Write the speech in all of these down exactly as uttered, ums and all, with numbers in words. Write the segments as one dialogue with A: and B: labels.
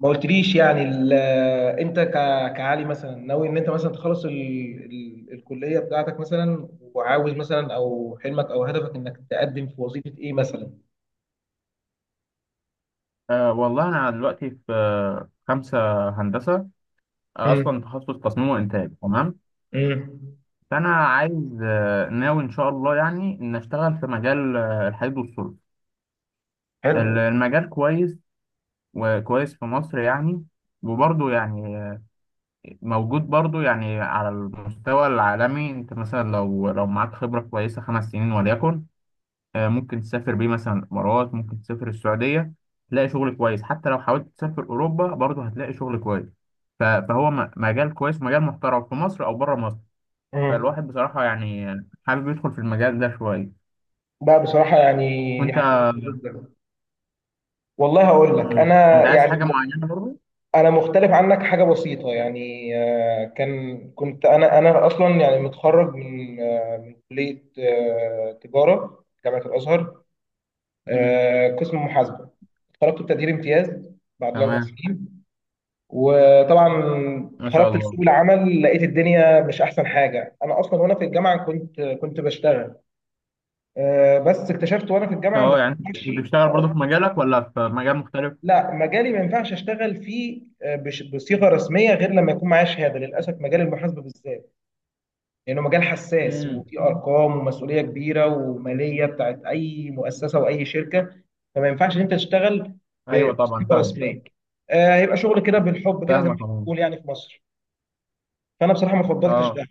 A: ما قلتليش يعني ال- انت ك- كعلي مثلا ناوي ان انت مثلا تخلص ال... ال... الكليه بتاعتك مثلا، وعاوز مثلا، او حلمك او هدفك، انك تقدم في وظيفه ايه مثلا؟
B: أه والله أنا دلوقتي في آه، خمسة هندسة. آه،
A: امم.
B: أصلا تخصص تصميم وإنتاج، تمام.
A: امم.
B: فأنا عايز آه، ناوي إن شاء الله يعني إن أشتغل في مجال آه، الحديد والصلب.
A: حلو.
B: ال- المجال كويس، وكويس في مصر يعني. وبرضه يعني آه، موجود برضه يعني على المستوى العالمي. أنت مثلا لو لو معاك خبرة كويسة خمس سنين وليكن، آه، ممكن تسافر بيه مثلا الإمارات، ممكن تسافر السعودية. تلاقي شغل كويس. حتى لو حاولت تسافر أوروبا برضه هتلاقي شغل كويس. ف- فهو م- مجال كويس، مجال محترم في مصر أو بره مصر.
A: امم.
B: فالواحد بصراحة يعني حابب يدخل في المجال ده شوية.
A: لا بصراحه يعني دي
B: وأنت؟
A: حاجه كويسة جدا. والله هقول لك
B: مم.
A: انا
B: أنت عايز
A: يعني
B: حاجة معينة برضه؟
A: انا مختلف عنك حاجه بسيطه يعني، آه، كان كنت انا انا اصلا يعني متخرج من آه، من كليه آه، تجاره جامعه الازهر،
B: مم.
A: آه، قسم محاسبه. خرجت بتقدير امتياز بعد الاربع
B: تمام.
A: سنين. وطبعا
B: ما شاء
A: خرجت لسوق
B: الله.
A: العمل لقيت الدنيا مش احسن حاجه. انا اصلا وانا في الجامعه كنت كنت بشتغل. آه، بس اكتشفت وانا في الجامعه ان ما
B: أه، يعني أنت
A: ينفعش.
B: بتشتغل
A: آه،
B: برضه في مجالك ولا في مجال مختلف؟
A: لا، مجالي ما ينفعش اشتغل فيه آه، بش- بصيغه رسميه غير لما يكون معايا شهاده، للاسف، مجال المحاسبه بالذات. لأنه مجال حساس
B: مم.
A: وفيه أرقام ومسؤولية كبيرة ومالية بتاعت أي مؤسسة وأي شركة. فما ينفعش إن أنت تشتغل
B: أيوه طبعا،
A: بسليبر
B: فاهم.
A: سلاك. آه، هيبقى شغل كده بالحب كده زي ما
B: فاهمك
A: احنا
B: أهو.
A: بنقول يعني في مصر. فأنا بصراحة ما فضلتش
B: أه،
A: ده،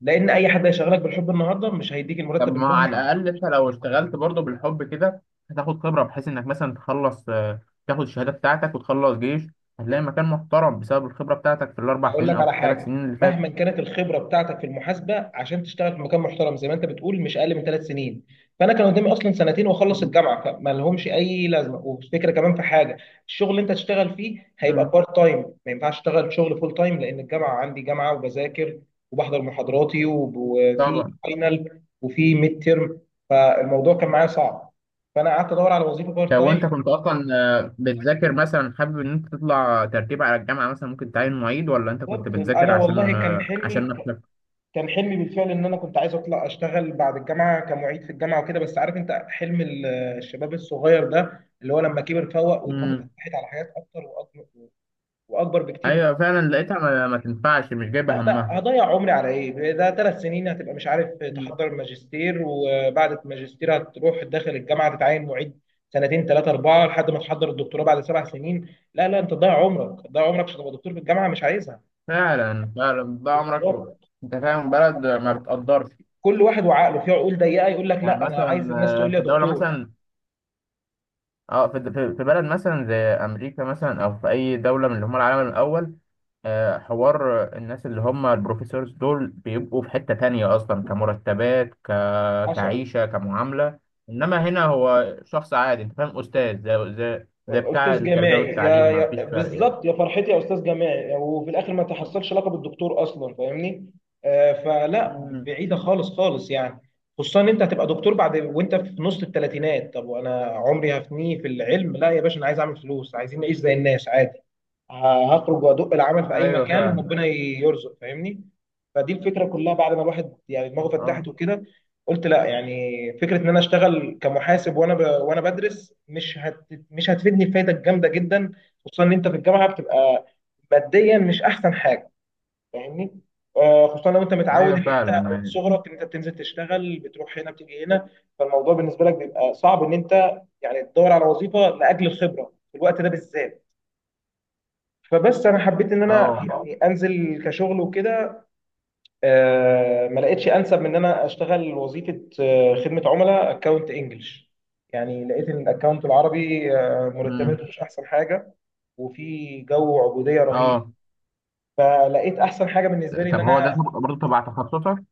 A: لأن أي حد هيشغلك بالحب النهاردة مش هيديك
B: طب
A: المرتب
B: ما على
A: المجزي.
B: الأقل أنت لو اشتغلت برضه بالحب كده، هتاخد خبرة بحيث إنك مثلا تخلص، آه، تاخد الشهادة بتاعتك وتخلص جيش. هتلاقي مكان محترم بسبب الخبرة بتاعتك في الأربع
A: هقول
B: سنين
A: لك
B: أو
A: على
B: في الثلاث
A: حاجه،
B: سنين اللي فاتت.
A: مهما كانت الخبره بتاعتك في المحاسبه، عشان تشتغل في مكان محترم زي ما انت بتقول، مش اقل من ثلاث سنين. فانا كان قدامي اصلا سنتين واخلص
B: مم.
A: الجامعه، فما لهمش اي لازمه. والفكره كمان في حاجه، الشغل اللي انت تشتغل فيه هيبقى
B: مم.
A: بارت تايم. ما ينفعش اشتغل شغل فول تايم لان الجامعه عندي جامعه، وبذاكر وبحضر محاضراتي، وب- وفي
B: طبعا.
A: فاينل وفي ميد تيرم. فالموضوع كان معايا صعب. فانا قعدت ادور على وظيفه بارت
B: طب
A: تايم.
B: وأنت كنت أصلا آه، بتذاكر مثلا، حابب إن أنت تطلع ترتيب على الجامعة مثلا ممكن تعين معيد، ولا أنت كنت
A: بالظبط،
B: بتذاكر
A: انا والله
B: عشان
A: كان
B: آه، عشان
A: حلمي،
B: نفسك؟
A: كان حلمي بالفعل ان انا كنت عايز اطلع اشتغل بعد الجامعه كمعيد في الجامعه وكده. بس عارف انت حلم ال- الشباب الصغير ده اللي هو لما كبر فوق ودماغه
B: مم.
A: فتحت على حاجات اكتر واكبر، واكبر بكتير.
B: أيوه
A: بمعنى،
B: فعلا، لقيتها ما, ما تنفعش، مش
A: لا
B: جايبة
A: لا
B: همها.
A: هضيع عمري على ايه ده؟ ثلاث سنين هتبقى مش عارف
B: مم.
A: تحضر الماجستير، وبعد الماجستير هتروح داخل الجامعه تتعين معيد سنتين ثلاثه اربعه لحد ما تحضر الدكتوراه بعد سبع سنين. لا لا، انت تضيع عمرك، تضيع عمرك عشان تبقى دكتور في الجامعه؟ مش عايزها.
B: فعلا فعلا، ده عمرك و- أنت فاهم، بلد ما بتقدرش.
A: كل واحد وعقله، في عقول ضيقه يقول لك
B: يعني
A: لا، انا
B: مثلا
A: عايز الناس
B: آه،
A: تقول لي
B: في
A: يا
B: دولة
A: دكتور.
B: مثلا، اه في في في بلد مثلا زي امريكا مثلا، او في اي دولة من اللي هم العالم الاول. آه، حوار الناس اللي هم البروفيسورز دول بيبقوا في حتة تانية اصلا، كمرتبات، ك...
A: حصل.
B: كعيشة، كمعاملة. انما هنا هو شخص عادي، انت فاهم، استاذ زي زي زي بتاع
A: استاذ
B: التربية
A: جامعي يا
B: والتعليم، ما
A: يا
B: فيش فرق يعني.
A: بالظبط، يا فرحتي يا استاذ جامعي، وفي الاخر ما تحصلش لقب الدكتور اصلا، فاهمني. آه، فلا،
B: امم.
A: بعيده خالص خالص يعني. خصوصا ان انت هتبقى دكتور بعد وانت في نص الثلاثينات. طب وانا عمري هفنيه في العلم؟ لا يا باشا، انا عايز اعمل فلوس، عايزين نعيش زي الناس عادي. ه- هخرج وادق العمل في اي
B: ايوه
A: مكان
B: فعلا.
A: ربنا يرزق، فاهمني. فدي الفكره كلها بعد ما الواحد يعني دماغه فتحت
B: اه،
A: وكده. قلت لا، يعني فكره ان انا اشتغل كمحاسب وانا ب... وانا بدرس، مش هت... مش هتفيدني فايده جامده جدا. خصوصا ان انت في الجامعه بتبقى ماديا مش احسن حاجه، فاهمني. آه، خصوصا لو انت متعود
B: ايوه
A: ان انت
B: فعلا
A: من
B: يعني.
A: صغرك ان انت بتنزل تشتغل، بتروح هنا بتيجي هنا. فالموضوع بالنسبه لك بيبقى صعب ان انت يعني تدور على وظيفه لاجل الخبره في الوقت ده بالذات. فبس انا حبيت ان انا
B: اه.
A: يعني انزل كشغل وكده. آه، ما لقيتش انسب من ان انا اشتغل وظيفه آه، خدمه عملاء اكونت انجلش. يعني لقيت ان الاكونت العربي آه،
B: امم.
A: مرتباته مش احسن حاجه، وفي جو عبوديه رهيب.
B: اه،
A: فلقيت احسن حاجه بالنسبه لي ان
B: طب هو ده
A: انا
B: برضه تبع تخصصك؟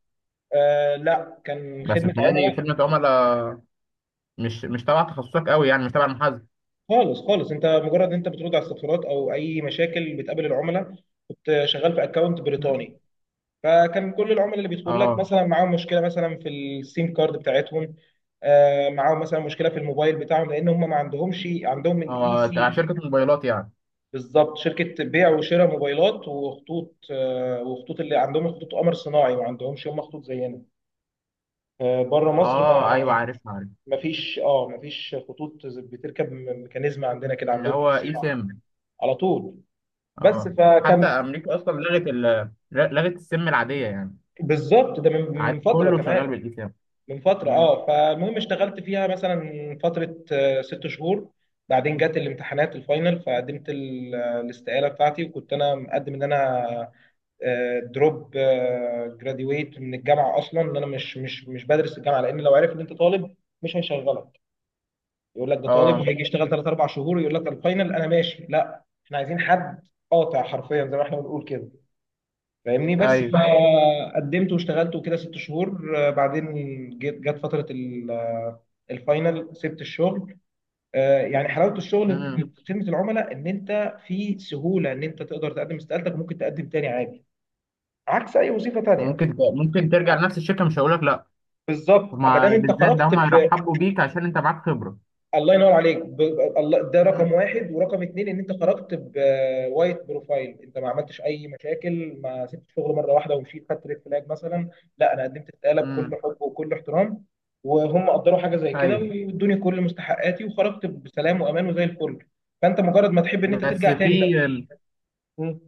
A: آه، لا، كان
B: بس
A: خدمه
B: بتهيألي
A: عملاء.
B: خدمة عملاء. مش مش تبع تخصصك قوي يعني، مش تبع المحاسبه.
A: خالص خالص، انت مجرد انت بترد على استفسارات او اي مشاكل بتقابل العملاء. كنت شغال في اكونت
B: مم.
A: بريطاني. فكان كل العملاء اللي بيدخلوا لك
B: اه.
A: مثلا معاهم مشكله مثلا في السيم كارد بتاعتهم، آه، معاهم مثلا مشكله في الموبايل بتاعهم، لان هم ما عندهمش عندهم الاي
B: اه، تبع
A: سيم.
B: شركه موبايلات يعني.
A: بالظبط، شركه بيع وشراء موبايلات وخطوط، آه، وخطوط، اللي عندهم خطوط قمر صناعي ما عندهمش هم خطوط زينا. آه، بره مصر
B: اه،
A: ما،
B: ايوه، عارف عارف.
A: ما فيش، اه ما فيش خطوط زي- بتركب م- ميكانيزم عندنا كده،
B: اللي
A: عندهم اي
B: هو
A: سيم
B: اي
A: على طول.
B: سيم.
A: على طول. بس
B: اه، حتى
A: فكان.
B: امريكا اصلا لغت ال لغت السيم العاديه يعني.
A: بالظبط ده من من
B: عاد
A: فتره
B: كله شغال
A: كمان.
B: بالاي سيم.
A: من فترة.
B: مم.
A: اه، فالمهم اشتغلت فيها مثلا فترة آه، ست شهور. بعدين جت الامتحانات الفاينل، فقدمت ال- آه، الاستقالة بتاعتي، وكنت انا مقدم ان انا دروب جراديويت من الجامعة اصلا، ان انا مش مش مش بدرس الجامعة، لان لو عرف ان انت طالب مش هيشغلك. يقول لك ده طالب
B: اه،
A: هيجي يشتغل ثلاث اربع شهور، يقول لك الفاينل انا ماشي، لا احنا عايزين حد قاطع حرفيا زي ما احنا بنقول كده، فاهمني. بس
B: ايوه.
A: فقدمت واشتغلت وكده ست شهور. آه، بعدين جت جت فترة ال- آه، الفاينل سبت الشغل. آه، يعني حلاوة الشغل في
B: مم.
A: في خدمة العملاء ان انت في سهولة ان انت تقدر تقدم استقالتك وممكن تقدم تاني عادي، عكس اي وظيفة تانية.
B: ممكن ت- ممكن ترجع لنفس الشركه، مش هقول لك لا.
A: بالظبط، اما دام
B: هما
A: انت
B: بالذات ده،
A: خرجت.
B: هما يرحبوا بيك عشان انت معاك خبره.
A: الله ينور عليك. ب... الله، ده رقم
B: مم.
A: واحد، ورقم اتنين ان انت خرجت بوايت بروفايل، انت ما عملتش اي مشاكل، ما سبت شغل مره واحده ومشيت، خدت ريد فلاج مثلا. لا، انا قدمت استقاله بكل
B: امم.
A: حب وكل احترام، وهم قدروا حاجه زي كده،
B: ايوه.
A: وادوني كل مستحقاتي وخرجت بسلام وامان وزي الفل. فانت مجرد ما تحب ان انت
B: بس
A: ترجع تاني. لا.
B: في
A: مم.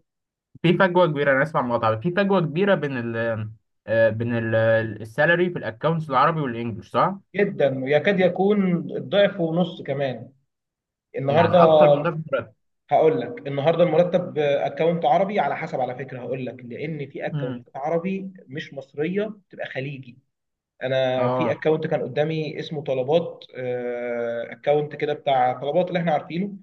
B: في فجوه كبيره، انا اسمع مقاطعه، في فجوه كبيره بين ال آه، بين ال- السالري في الاكونتس العربي والانجليش، صح؟
A: جدا، ويكاد يكون الضعف ونص كمان
B: يعني
A: النهارده.
B: اكتر من ده في الراتب.
A: هقول لك النهارده، المرتب اكونت عربي، على حسب على فكره هقول لك، لان في
B: امم.
A: اكونت عربي مش مصريه، بتبقى خليجي. انا في
B: اه،
A: اكونت كان قدامي اسمه طلبات. اكونت كده بتاع طلبات اللي احنا عارفينه.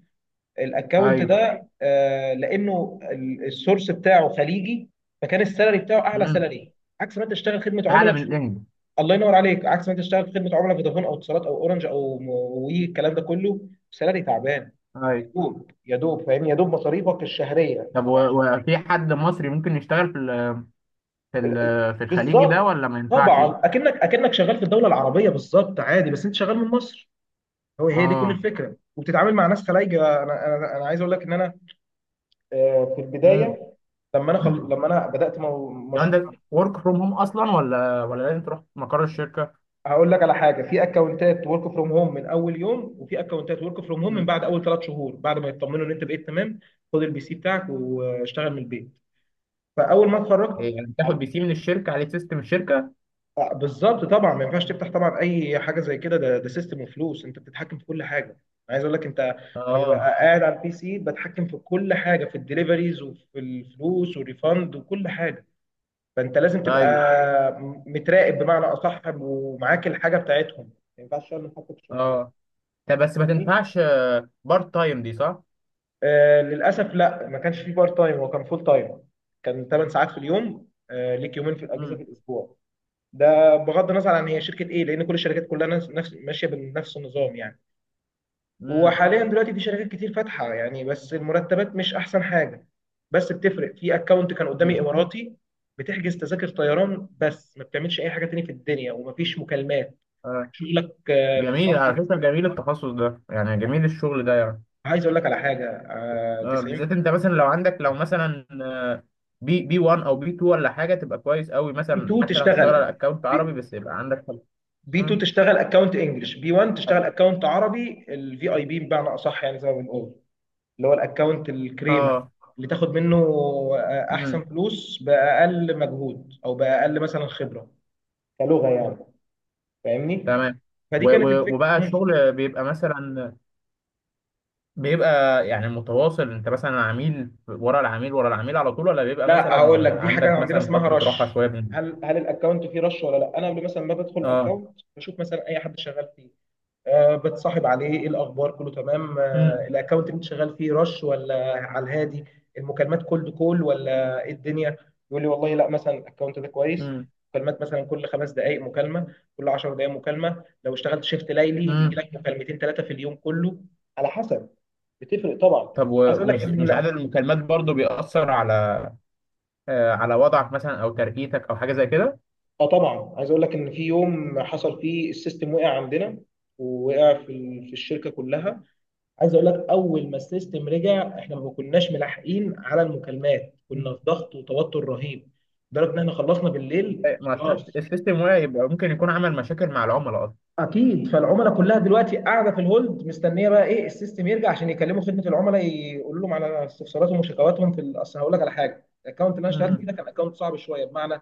A: الاكونت
B: ايوه.
A: ده آه، لانه ال- السورس بتاعه خليجي، فكان السالري بتاعه اعلى
B: امم.
A: سالري. عكس ما انت تشتغل خدمه
B: اعلى
A: عملاء.
B: من الانجليش؟
A: الله ينور عليك، عكس ما انت تشتغل في خدمه عملاء فودافون او اتصالات او اورنج او م- وي، الكلام ده كله سالري تعبان. يا
B: ايوه.
A: دوب، يا دوب، فاهمني، يا دوب مصاريفك الشهريه
B: طب
A: يعني.
B: و- وفي حد مصري ممكن يشتغل في ال في ال
A: ال- ال-
B: في الخليجي ده،
A: بالظبط،
B: ولا ما ينفعش؟
A: طبعا اكنك اكنك شغال في الدوله العربيه، بالظبط عادي، بس انت شغال من مصر. هو هي دي كل
B: اه.
A: الفكره، وبتتعامل مع ناس خلايجه. انا انا انا عايز اقول لك ان انا آه، في
B: امم.
A: البدايه، لما انا خل... لما انا بدات مو...
B: لو
A: مش...
B: عندك ورك فروم هوم اصلا، ولا ولا لازم تروح مقر الشركه؟
A: هقول لك على حاجه، في اكونتات ورك فروم هوم من اول يوم، وفي اكونتات ورك فروم هوم من
B: امم.
A: بعد اول ثلاث شهور بعد ما يطمنوا ان انت بقيت تمام. خد البي سي بتاعك واشتغل من البيت. فاول ما اتخرجت
B: إيه، يعني تاخد
A: عم-
B: بي سي من الشركه عليه سيستم الشركه؟
A: آه، بالظبط، طبعا ما ينفعش تفتح طبعا اي حاجه زي كده، ده ده سيستم وفلوس، انت بتتحكم في كل حاجه. أنا عايز اقول لك انت، انا ببقى
B: اه،
A: قاعد على البي سي بتحكم في كل حاجه، في الدليفريز وفي الفلوس والريفند وكل حاجه. فانت لازم تبقى
B: ايوه.
A: م- متراقب بمعنى اصح، ومعاك الحاجه بتاعتهم، ما ينفعش تعمل حاجه في الشخصيه.
B: اه، طب بس ما تنفعش بارت تايم دي، صح؟
A: آه، للاسف لا، ما كانش في بارت تايم، هو كان فول تايم. كان 8 ساعات في اليوم، آه، ليك يومين في الاجازه في
B: امم.
A: الاسبوع. ده بغض النظر عن هي شركه ايه، لان كل الشركات كلها نفس نفس- ماشيه بنفس النظام يعني.
B: امم.
A: وحاليا دلوقتي في شركات كتير فاتحه يعني، بس المرتبات مش احسن حاجه. بس بتفرق. في اكونت كان قدامي
B: امم.
A: اماراتي، بتحجز تذاكر طيران بس، ما بتعملش اي حاجه تاني في الدنيا، ومفيش مكالمات.
B: آه.
A: شغلك آه، في
B: جميل على
A: صفحه.
B: فكرة، جميل التخصص ده يعني، جميل الشغل ده يعني.
A: عايز اقول لك على حاجه، آه،
B: آه.
A: تسعين
B: بالذات انت مثلا لو عندك لو مثلا آه، بي بي واحد او بي اتنين ولا حاجة، تبقى كويس قوي
A: في
B: مثلا
A: اتنين
B: حتى لو هتشتغل
A: تشتغل.
B: على اكونت عربي، بس يبقى عندك حاجة.
A: بي اتنين
B: مم.
A: تشتغل اكونت انجلش، بي واحد تشتغل اكونت عربي، الفي اي بي بمعنى اصح، يعني زي ما بنقول اللي هو الاكونت الكريمه،
B: اه.
A: اللي تاخد منه آه، احسن
B: امم.
A: فلوس باقل مجهود، او باقل مثلا خبره، كلغه يعني، فاهمني.
B: تمام.
A: فدي
B: و-
A: كانت
B: و-
A: الفكره.
B: وبقى
A: مم.
B: الشغل بيبقى مثلا بيبقى يعني متواصل، انت مثلا عميل ورا العميل ورا العميل على طول، ولا بيبقى
A: لا، هقول لك،
B: مثلا
A: دي حاجه
B: عندك
A: عندنا
B: مثلا
A: اسمها
B: فترة راحة
A: رش.
B: شوية من...
A: هل هل الاكونت فيه رش ولا لا؟ انا قبل مثلا ما بدخل
B: اه.
A: الاكونت بشوف مثلا اي حد شغال فيه، آه، بتصاحب عليه ايه الاخبار، كله تمام،
B: امم.
A: آه، الاكونت اللي انت شغال فيه رش ولا على الهادي؟ المكالمات كولد كول ولا ايه الدنيا؟ يقول لي والله لا، مثلا الاكونت ده كويس،
B: امم.
A: مكالمات مثلا كل خمس دقائق مكالمه، كل 10 دقائق مكالمه، لو اشتغلت شيفت ليلي بيجي
B: امم.
A: لك مكالمتين ثلاثه في اليوم كله، على حسب. بتفرق طبعا.
B: طب
A: عايز اقول لك
B: ومش
A: ان
B: مش عدد
A: لا،
B: المكالمات برضو بيأثر على آه، على وضعك مثلا او ترقيتك او حاجه زي كده؟
A: اه طبعا عايز اقول لك ان في يوم حصل فيه السيستم وقع عندنا، ووقع في ال- في الشركه كلها. عايز اقول لك، اول ما السيستم رجع احنا ما كناش ملاحقين على المكالمات،
B: مم.
A: كنا في ضغط وتوتر رهيب لدرجه ان احنا خلصنا بالليل
B: ما السيست-
A: خلاص.
B: السيستم واعي، يبقى ممكن يكون عمل مشاكل مع العملاء اصلا.
A: اكيد، فالعملاء كلها دلوقتي قاعده في الهولد مستنيه بقى ايه، السيستم يرجع عشان يكلموا خدمه العملاء يقولوا لهم على استفساراتهم وشكواتهم في ال- اصل. هقول لك على حاجه، الاكونت اللي انا اشتغلت فيه
B: امم.
A: ده كان اكونت صعب شويه، بمعنى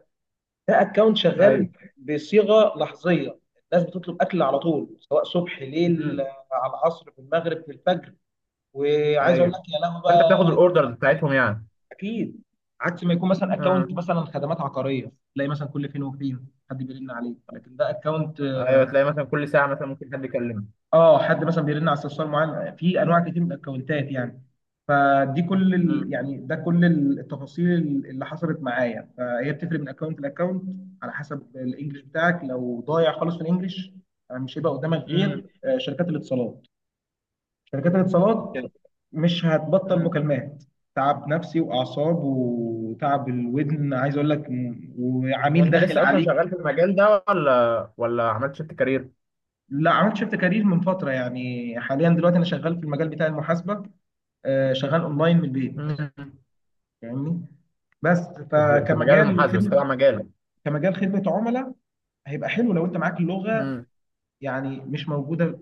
A: ده اكونت
B: ايوه.
A: شغال بصيغه لحظيه. الناس بتطلب اكل على طول، سواء صبح ليل،
B: امم.
A: آه، على العصر، في المغرب، في الفجر. وعايز اقول لك
B: ايوه،
A: يا لهوي
B: فانت
A: بقى.
B: بتاخد الاوردرز بتاعتهم يعني.
A: اكيد. عكس ما يكون مثلا اكونت
B: امم.
A: مثلا خدمات عقاريه، تلاقي مثلا كل فين وفين حد بيرن عليك، لكن ده اكونت،
B: ايوه،
A: اه
B: تلاقي مثلا كل ساعه مثلا ممكن حد يكلمك.
A: آه، حد مثلا بيرن على استفسار معين في انواع كتير من الاكونتات يعني. فدي كل ال...
B: امم.
A: يعني ده كل التفاصيل اللي حصلت معايا، فهي بتفرق من اكونت لاكونت على حسب الانجليش بتاعك. لو ضايع خالص في الانجليش مش هيبقى قدامك
B: امم
A: غير آه، شركات الاتصالات. شركات الاتصالات
B: كده.
A: مش هتبطل
B: امم.
A: مكالمات. تعب نفسي واعصاب وتعب الودن، عايز اقول لك م- وعميل
B: وانت
A: داخل
B: لسه اصلا شغال
A: عليك.
B: في المجال ده، ولا ولا عملت شيفت كارير؟
A: لا، عملت شيفت كارير من فتره، يعني حاليا دلوقتي انا شغال في المجال بتاع المحاسبه، آه، شغال اونلاين من البيت،
B: امم.
A: فاهمني. بس
B: في في مجال
A: فكمجال
B: المحاسبه بس،
A: خدمه،
B: تبع مجالك؟
A: كمجال خدمه عملاء هيبقى حلو لو انت معاك اللغه،
B: امم.
A: يعني مش موجوده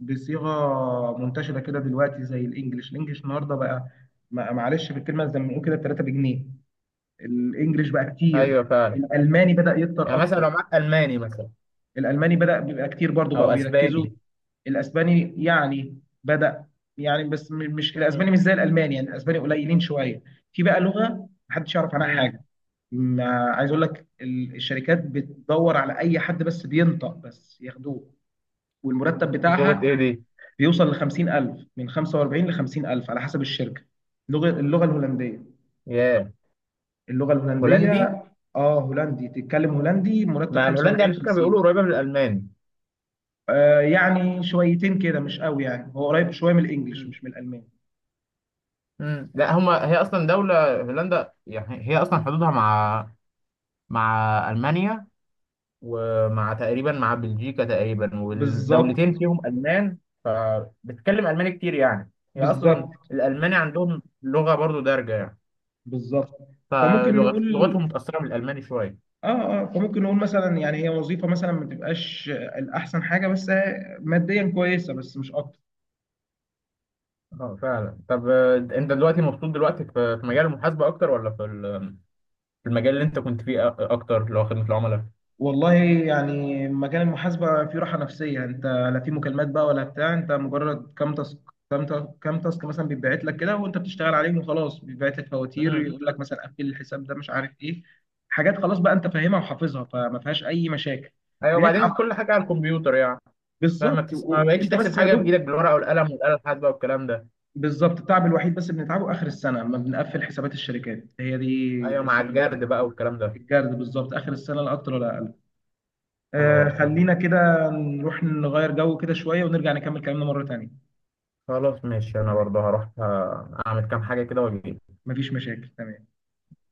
A: بصيغه منتشره كده دلوقتي زي الانجليش. الانجليش النهارده بقى، ما- معلش في الكلمه زي ما بنقول كده تلاته بجنيه. الانجليش بقى كتير.
B: ايوه فعلا.
A: الالماني بدأ يكتر
B: يعني مثلا
A: اكتر.
B: لو معاك الماني مثلا،
A: الالماني بدأ بيبقى كتير برضو، بقوا
B: او
A: بيركزوا.
B: اسباني.
A: الاسباني يعني بدأ، يعني بس م- مش
B: مم.
A: الاسباني مش زي الالماني، يعني الاسباني قليلين شوية. في بقى لغة محدش يعرف عنها
B: مم.
A: حاجة، ما عايز اقول لك ال- الشركات بتدور على اي حد بس بينطق بس ياخدوه. والمرتب
B: لغه ايه
A: بتاعها
B: دي؟
A: بيوصل ل خمسين الف، من خمسة واربعين ل خمسين الف على حسب الشركة. اللغة، اللغة الهولندية.
B: ياه.
A: اللغه الهولنديه.
B: هولندي.
A: اه هولندي، تتكلم هولندي مرتب
B: ما الهولندي
A: خمسة واربعين
B: على فكره
A: خمسين.
B: بيقولوا قريبه من الالماني.
A: آه يعني شويتين كده مش قوي، يعني هو قريب شويه من الانجليش
B: مم.
A: مش من الالماني.
B: مم. لا هما، هي اصلا دوله هولندا يعني، هي اصلا حدودها مع مع المانيا، ومع تقريبا مع بلجيكا تقريبا، والدولتين
A: بالظبط.
B: فيهم المان. فبتتكلم الماني كتير يعني، هي
A: بالظبط.
B: اصلا الالماني عندهم لغه برضو دارجه يعني.
A: بالظبط. فممكن نقول،
B: فلغتهم متاثره بالالماني شويه.
A: اه اه فممكن نقول مثلا يعني هي وظيفه مثلا ما تبقاش الاحسن حاجه، بس ماديا كويسه بس مش اكتر.
B: اه فعلا. طب آه، انت دلوقتي مبسوط دلوقتي في في مجال المحاسبه اكتر، ولا في ال- في المجال اللي انت كنت فيه أ- اكتر، اللي هو خدمه العملاء؟
A: والله يعني مجال المحاسبة فيه راحة نفسية، انت لا في مكالمات بقى ولا بتاع. انت مجرد كام تاسك، كام تا- كام تاسك مثلا بيتبعت لك كده، وانت بتشتغل عليهم وخلاص. بيتبعت لك فواتير،
B: امم.
A: يقول لك مثلا قفل الحساب ده مش عارف ايه، حاجات خلاص بقى انت فاهمها وحافظها، فما فيهاش اي مشاكل.
B: ايوه، وبعدين
A: بنتعب
B: كل حاجه على الكمبيوتر يعني. فما
A: بالظبط،
B: بتحس... ما
A: و-
B: بقتش
A: وانت
B: تحسب
A: بس يا
B: حاجه
A: دوب.
B: بايدك بالورقه والقلم والاله الحاسبه والكلام ده.
A: بالظبط، التعب الوحيد بس اللي بنتعبه اخر السنة لما بنقفل حسابات الشركات. هي دي
B: ايوه، مع
A: قصة
B: الجرد
A: المحاسبة
B: بقى
A: كلها.
B: والكلام ده.
A: الجرد بالظبط اخر السنة، لا اكتر ولا اقل. آه،
B: اه فاهم.
A: خلينا كده نروح نغير جو كده شوية ونرجع نكمل كلامنا مرة تانية.
B: خلاص ماشي، انا
A: تمام،
B: برضه هروح آه، اعمل كام حاجه كده واجي.
A: مفيش مشاكل، تمام.